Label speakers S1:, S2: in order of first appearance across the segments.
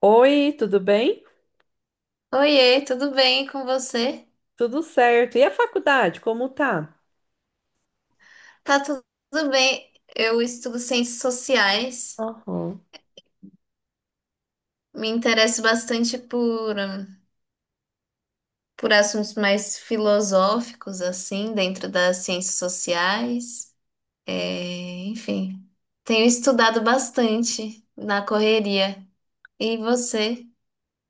S1: Oi, tudo bem?
S2: Oiê, tudo bem com você?
S1: Tudo certo. E a faculdade, como tá?
S2: Tá tudo bem. Eu estudo ciências sociais,
S1: Aham.
S2: me interesso bastante por assuntos mais filosóficos, assim, dentro das ciências sociais. É, enfim, tenho estudado bastante na correria. E você?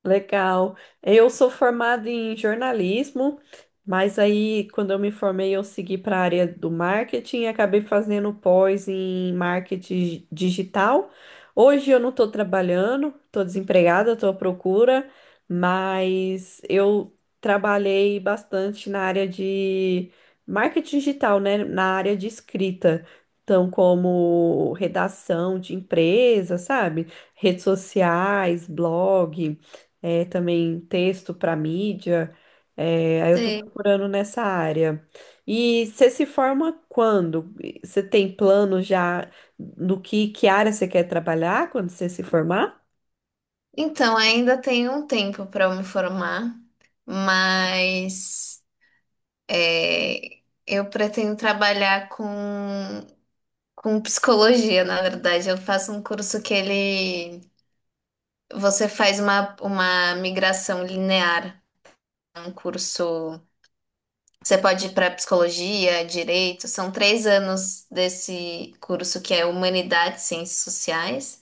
S1: Legal. Eu sou formada em jornalismo, mas aí quando eu me formei eu segui para a área do marketing e acabei fazendo pós em marketing digital. Hoje eu não estou trabalhando, estou desempregada, estou à procura, mas eu trabalhei bastante na área de marketing digital, né? Na área de escrita. Então, como redação de empresa, sabe? Redes sociais, blog também texto para mídia. Aí eu estou
S2: Você-
S1: procurando nessa área. E você se forma quando? Você tem plano já do que área você quer trabalhar quando você se formar?
S2: Então, ainda tenho um tempo para eu me formar, mas é, eu pretendo trabalhar com psicologia, na verdade. Eu faço um curso que ele. Você faz uma migração linear. É um curso. Você pode ir para psicologia, direito. São três anos desse curso que é Humanidades, Ciências Sociais.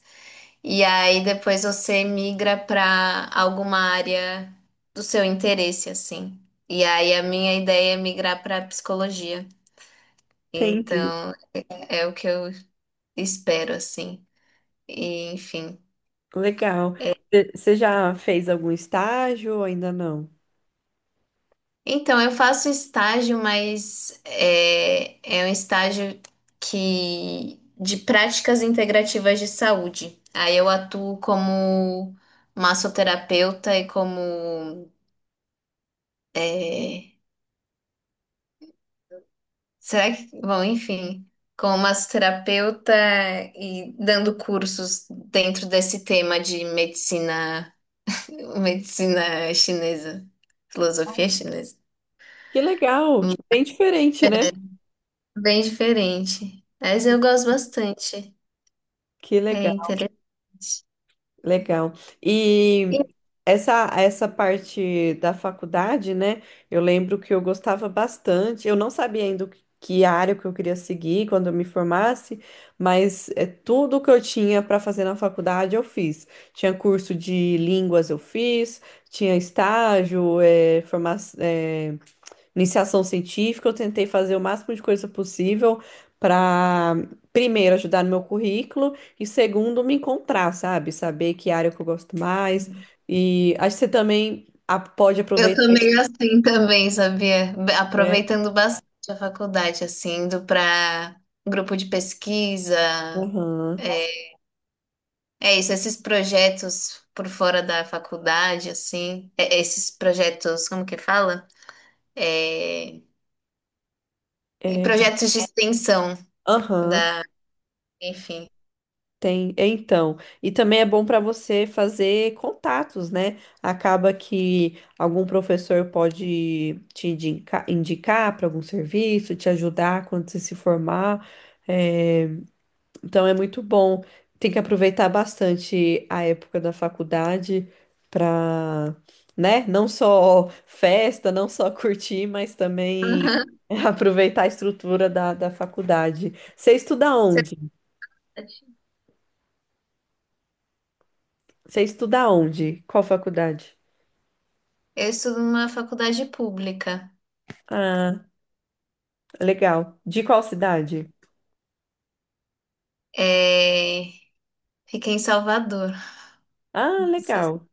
S2: E aí depois você migra para alguma área do seu interesse, assim. E aí a minha ideia é migrar para psicologia.
S1: Entendi.
S2: Então é o que eu espero, assim. E, enfim.
S1: Legal. Você já fez algum estágio ou ainda não?
S2: Então, eu faço estágio, mas é, é um estágio que de práticas integrativas de saúde. Aí eu atuo como massoterapeuta e como é, será que, bom, enfim, como massoterapeuta e dando cursos dentro desse tema de medicina, medicina chinesa, filosofia chinesa.
S1: Que legal! Bem diferente, né?
S2: Bem diferente, mas eu gosto bastante.
S1: Que
S2: É
S1: legal.
S2: interessante.
S1: Legal.
S2: E
S1: E essa parte da faculdade, né? Eu lembro que eu gostava bastante. Eu não sabia ainda o que que área que eu queria seguir quando eu me formasse, mas tudo que eu tinha para fazer na faculdade eu fiz. Tinha curso de línguas eu fiz, tinha estágio, iniciação científica. Eu tentei fazer o máximo de coisa possível para, primeiro, ajudar no meu currículo. E segundo, me encontrar, sabe? Saber que área que eu gosto mais. E acho que você também pode
S2: eu
S1: aproveitar
S2: tô
S1: isso,
S2: meio assim também, sabia?
S1: né?
S2: Aproveitando bastante a faculdade, assim, indo para grupo de pesquisa,
S1: Aham.
S2: é é isso, esses projetos por fora da faculdade, assim, esses projetos, como que fala? É, e
S1: É,
S2: projetos de extensão
S1: aham,
S2: da, enfim.
S1: tem. Então, e também é bom para você fazer contatos, né? Acaba que algum professor pode indicar para algum serviço, te ajudar quando você se formar. É, Então é muito bom. Tem que aproveitar bastante a época da faculdade para, né, não só festa, não só curtir, mas também
S2: Aham.
S1: aproveitar a estrutura da faculdade. Você estuda onde? Qual faculdade?
S2: Eu estudo numa faculdade pública,
S1: Ah, legal. De qual cidade?
S2: é, fica em Salvador.
S1: Ah, legal.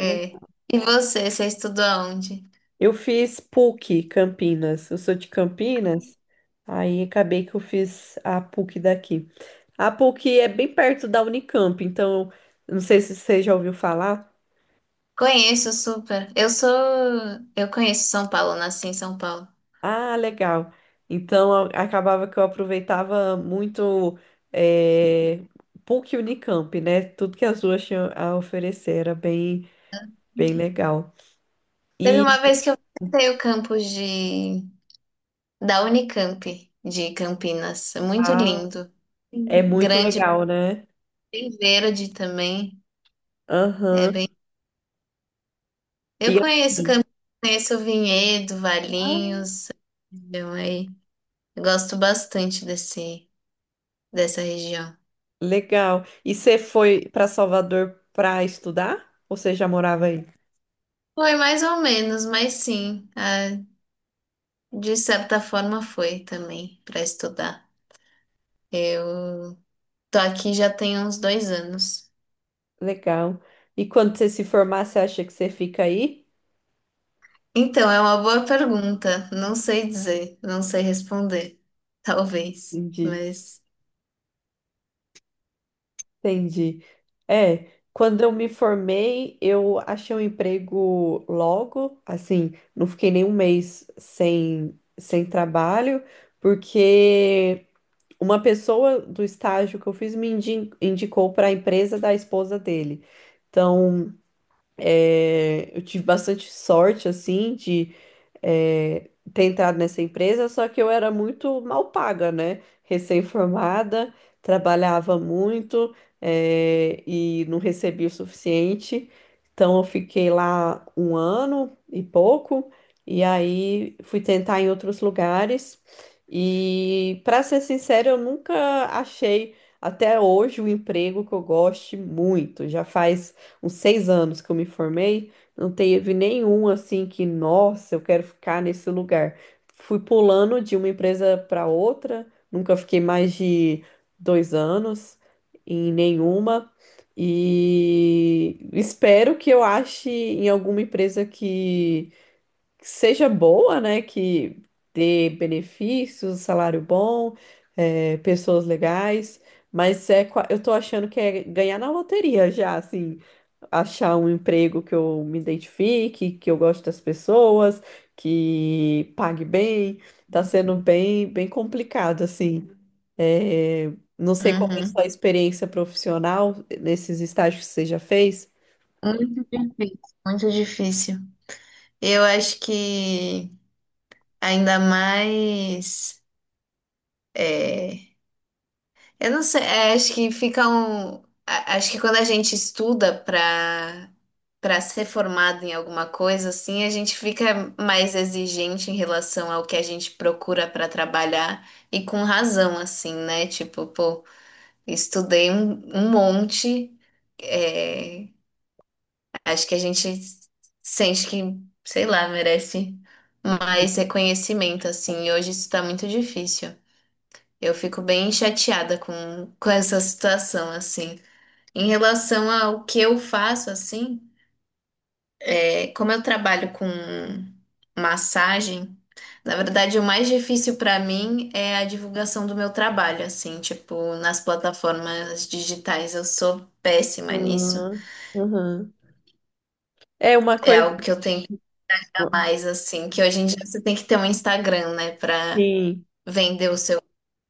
S1: Le-
S2: É. E você, você estudou onde?
S1: Eu fiz PUC Campinas. Eu sou de Campinas, aí acabei que eu fiz a PUC daqui. A PUC é bem perto da Unicamp, então não sei se você já ouviu falar.
S2: Conheço super. Eu sou. Eu conheço São Paulo, nasci em São Paulo.
S1: Ah, legal. Então acabava que eu aproveitava muito eh, PUC e Unicamp, né? Tudo que as duas tinham a oferecer era bem, bem legal.
S2: Teve uma
S1: E
S2: vez que eu visitei o campus de... da Unicamp, de Campinas. É muito
S1: ah,
S2: lindo.
S1: é
S2: Sim.
S1: muito
S2: Grande,
S1: legal, né?
S2: bem verde também. É
S1: Aham.
S2: bem... Eu
S1: E
S2: conheço Campinas, conheço Vinhedo,
S1: ah,
S2: Valinhos. Então aí. Eu gosto bastante desse... dessa região.
S1: legal. E você foi para Salvador para estudar? Ou você já morava aí?
S2: Foi mais ou menos, mas sim. De certa forma foi também para estudar. Eu tô aqui já tem uns dois anos.
S1: Legal. E quando você se formar, você acha que você fica aí?
S2: Então, é uma boa pergunta. Não sei dizer, não sei responder. Talvez,
S1: Entendi.
S2: mas.
S1: Entendi. É, quando eu me formei, eu achei um emprego logo, assim, não fiquei nem um mês sem trabalho, porque uma pessoa do estágio que eu fiz indicou para a empresa da esposa dele. Então, eu tive bastante sorte, assim, ter entrado nessa empresa, só que eu era muito mal paga, né? Recém-formada, trabalhava muito, e não recebia o suficiente. Então, eu fiquei lá um ano e pouco, e aí fui tentar em outros lugares. E, para ser sincera, eu nunca achei. Até hoje, um emprego que eu goste muito. Já faz uns seis anos que eu me formei, não teve nenhum assim que, nossa, eu quero ficar nesse lugar. Fui pulando de uma empresa para outra, nunca fiquei mais de dois anos em nenhuma. E espero que eu ache em alguma empresa que seja boa, né? Que dê benefícios, salário bom, pessoas legais. Mas eu tô achando que é ganhar na loteria já, assim achar um emprego que eu me identifique, que eu goste das pessoas, que pague bem. Tá sendo bem, bem complicado, assim. É, não sei como é a
S2: Uhum.
S1: sua experiência profissional nesses estágios que você já fez.
S2: Muito difícil, muito difícil. Eu acho que ainda mais. é, Eu não sei, é, acho que fica um. Acho que quando a gente estuda para ser formado em alguma coisa assim, a gente fica mais exigente em relação ao que a gente procura para trabalhar e com razão assim, né? Tipo, pô, estudei um monte, é, acho que a gente sente que, sei lá, merece mais reconhecimento assim. E hoje isso tá muito difícil. Eu fico bem chateada com essa situação assim. Em relação ao que eu faço assim, é, como eu trabalho com massagem, na verdade o mais difícil para mim é a divulgação do meu trabalho, assim, tipo, nas plataformas digitais eu sou péssima nisso.
S1: Ah, aham. É uma
S2: É
S1: coisa.
S2: algo que eu tenho que dar mais, assim, que hoje em dia você tem que ter um Instagram, né, para
S1: Sim.
S2: vender o seu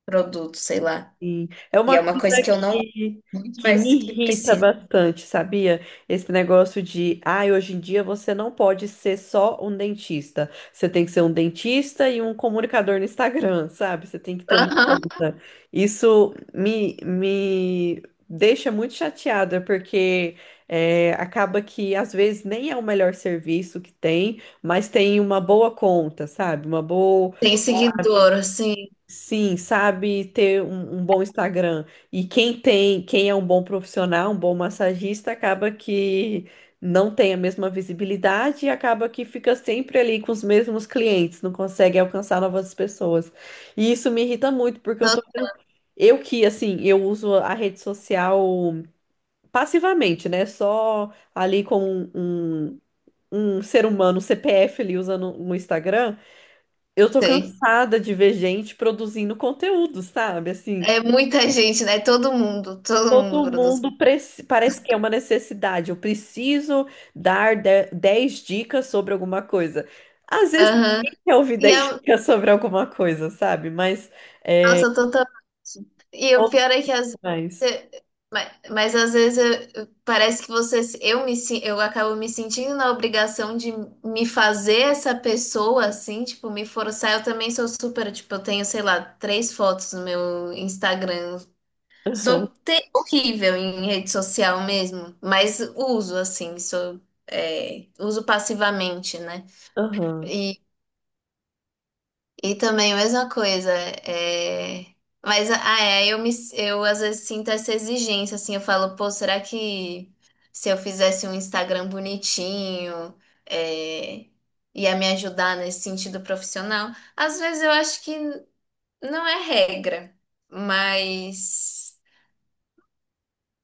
S2: produto, sei lá.
S1: Sim. É
S2: E
S1: uma
S2: é uma
S1: coisa
S2: coisa que eu não gosto
S1: que,
S2: muito,
S1: que me
S2: mas que
S1: irrita
S2: preciso.
S1: bastante, sabia? Esse negócio de, ai, hoje em dia você não pode ser só um dentista. Você tem que ser um dentista e um comunicador no Instagram, sabe? Você tem que ter uma
S2: Aham.
S1: conta. Me deixa muito chateada, porque acaba que às vezes nem é o melhor serviço que tem, mas tem uma boa conta, sabe? Uma boa.
S2: Tem seguidor, assim,
S1: Sim, sabe ter um bom Instagram. E quem tem, quem é um bom profissional, um bom massagista, acaba que não tem a mesma visibilidade e acaba que fica sempre ali com os mesmos clientes, não consegue alcançar novas pessoas. E isso me irrita muito, porque eu
S2: eu
S1: eu que, assim, eu uso a rede social passivamente, né? Só ali como um ser humano, CPF ali usando o Instagram. Eu tô
S2: sei.
S1: cansada de ver gente produzindo conteúdo, sabe? Assim,
S2: É muita gente, né? Todo mundo produz.
S1: parece que é uma necessidade. Eu preciso dar 10 dicas sobre alguma coisa. Às vezes
S2: Aham.
S1: ninguém quer ouvir
S2: E
S1: 10
S2: a
S1: dicas sobre alguma coisa, sabe? Mas é,
S2: nossa, totalmente. E o
S1: todos
S2: pior é que às
S1: mais.
S2: vezes, mas às vezes parece que você, eu me, eu acabo me sentindo na obrigação de me fazer essa pessoa assim, tipo, me forçar. Eu também sou super, tipo, eu tenho, sei lá, três fotos no meu Instagram.
S1: Aham,
S2: Horrível em rede social mesmo, mas uso assim, sou, é, uso passivamente, né?
S1: aham,
S2: E também a mesma coisa, é... mas ah, é, eu me, eu às vezes sinto essa exigência, assim, eu falo, pô, será que se eu fizesse um Instagram bonitinho, é... ia me ajudar nesse sentido profissional? Às vezes eu acho que não é regra, mas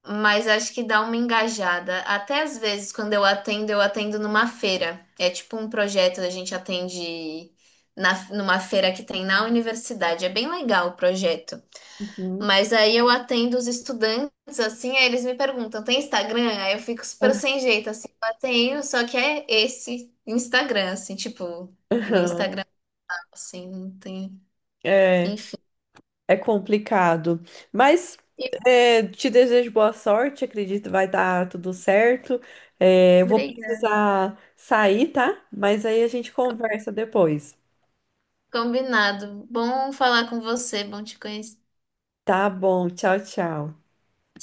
S2: mas acho que dá uma engajada. Até às vezes, quando eu atendo numa feira. É tipo um projeto, a gente atende numa feira que tem na universidade. É bem legal o projeto.
S1: uhum,
S2: Mas aí eu atendo os estudantes, assim, aí eles me perguntam, tem Instagram? Aí eu fico super sem jeito, assim, eu tenho, só que é esse Instagram, assim, tipo, no
S1: aham.
S2: Instagram, assim, não tem.
S1: É.
S2: Enfim.
S1: É complicado, mas
S2: E-
S1: te desejo boa sorte, acredito que vai dar tudo certo. É, eu vou
S2: Obrigada.
S1: precisar sair, tá? Mas aí a gente conversa depois.
S2: Combinado. Bom falar com você, bom te conhecer.
S1: Tá bom, tchau, tchau.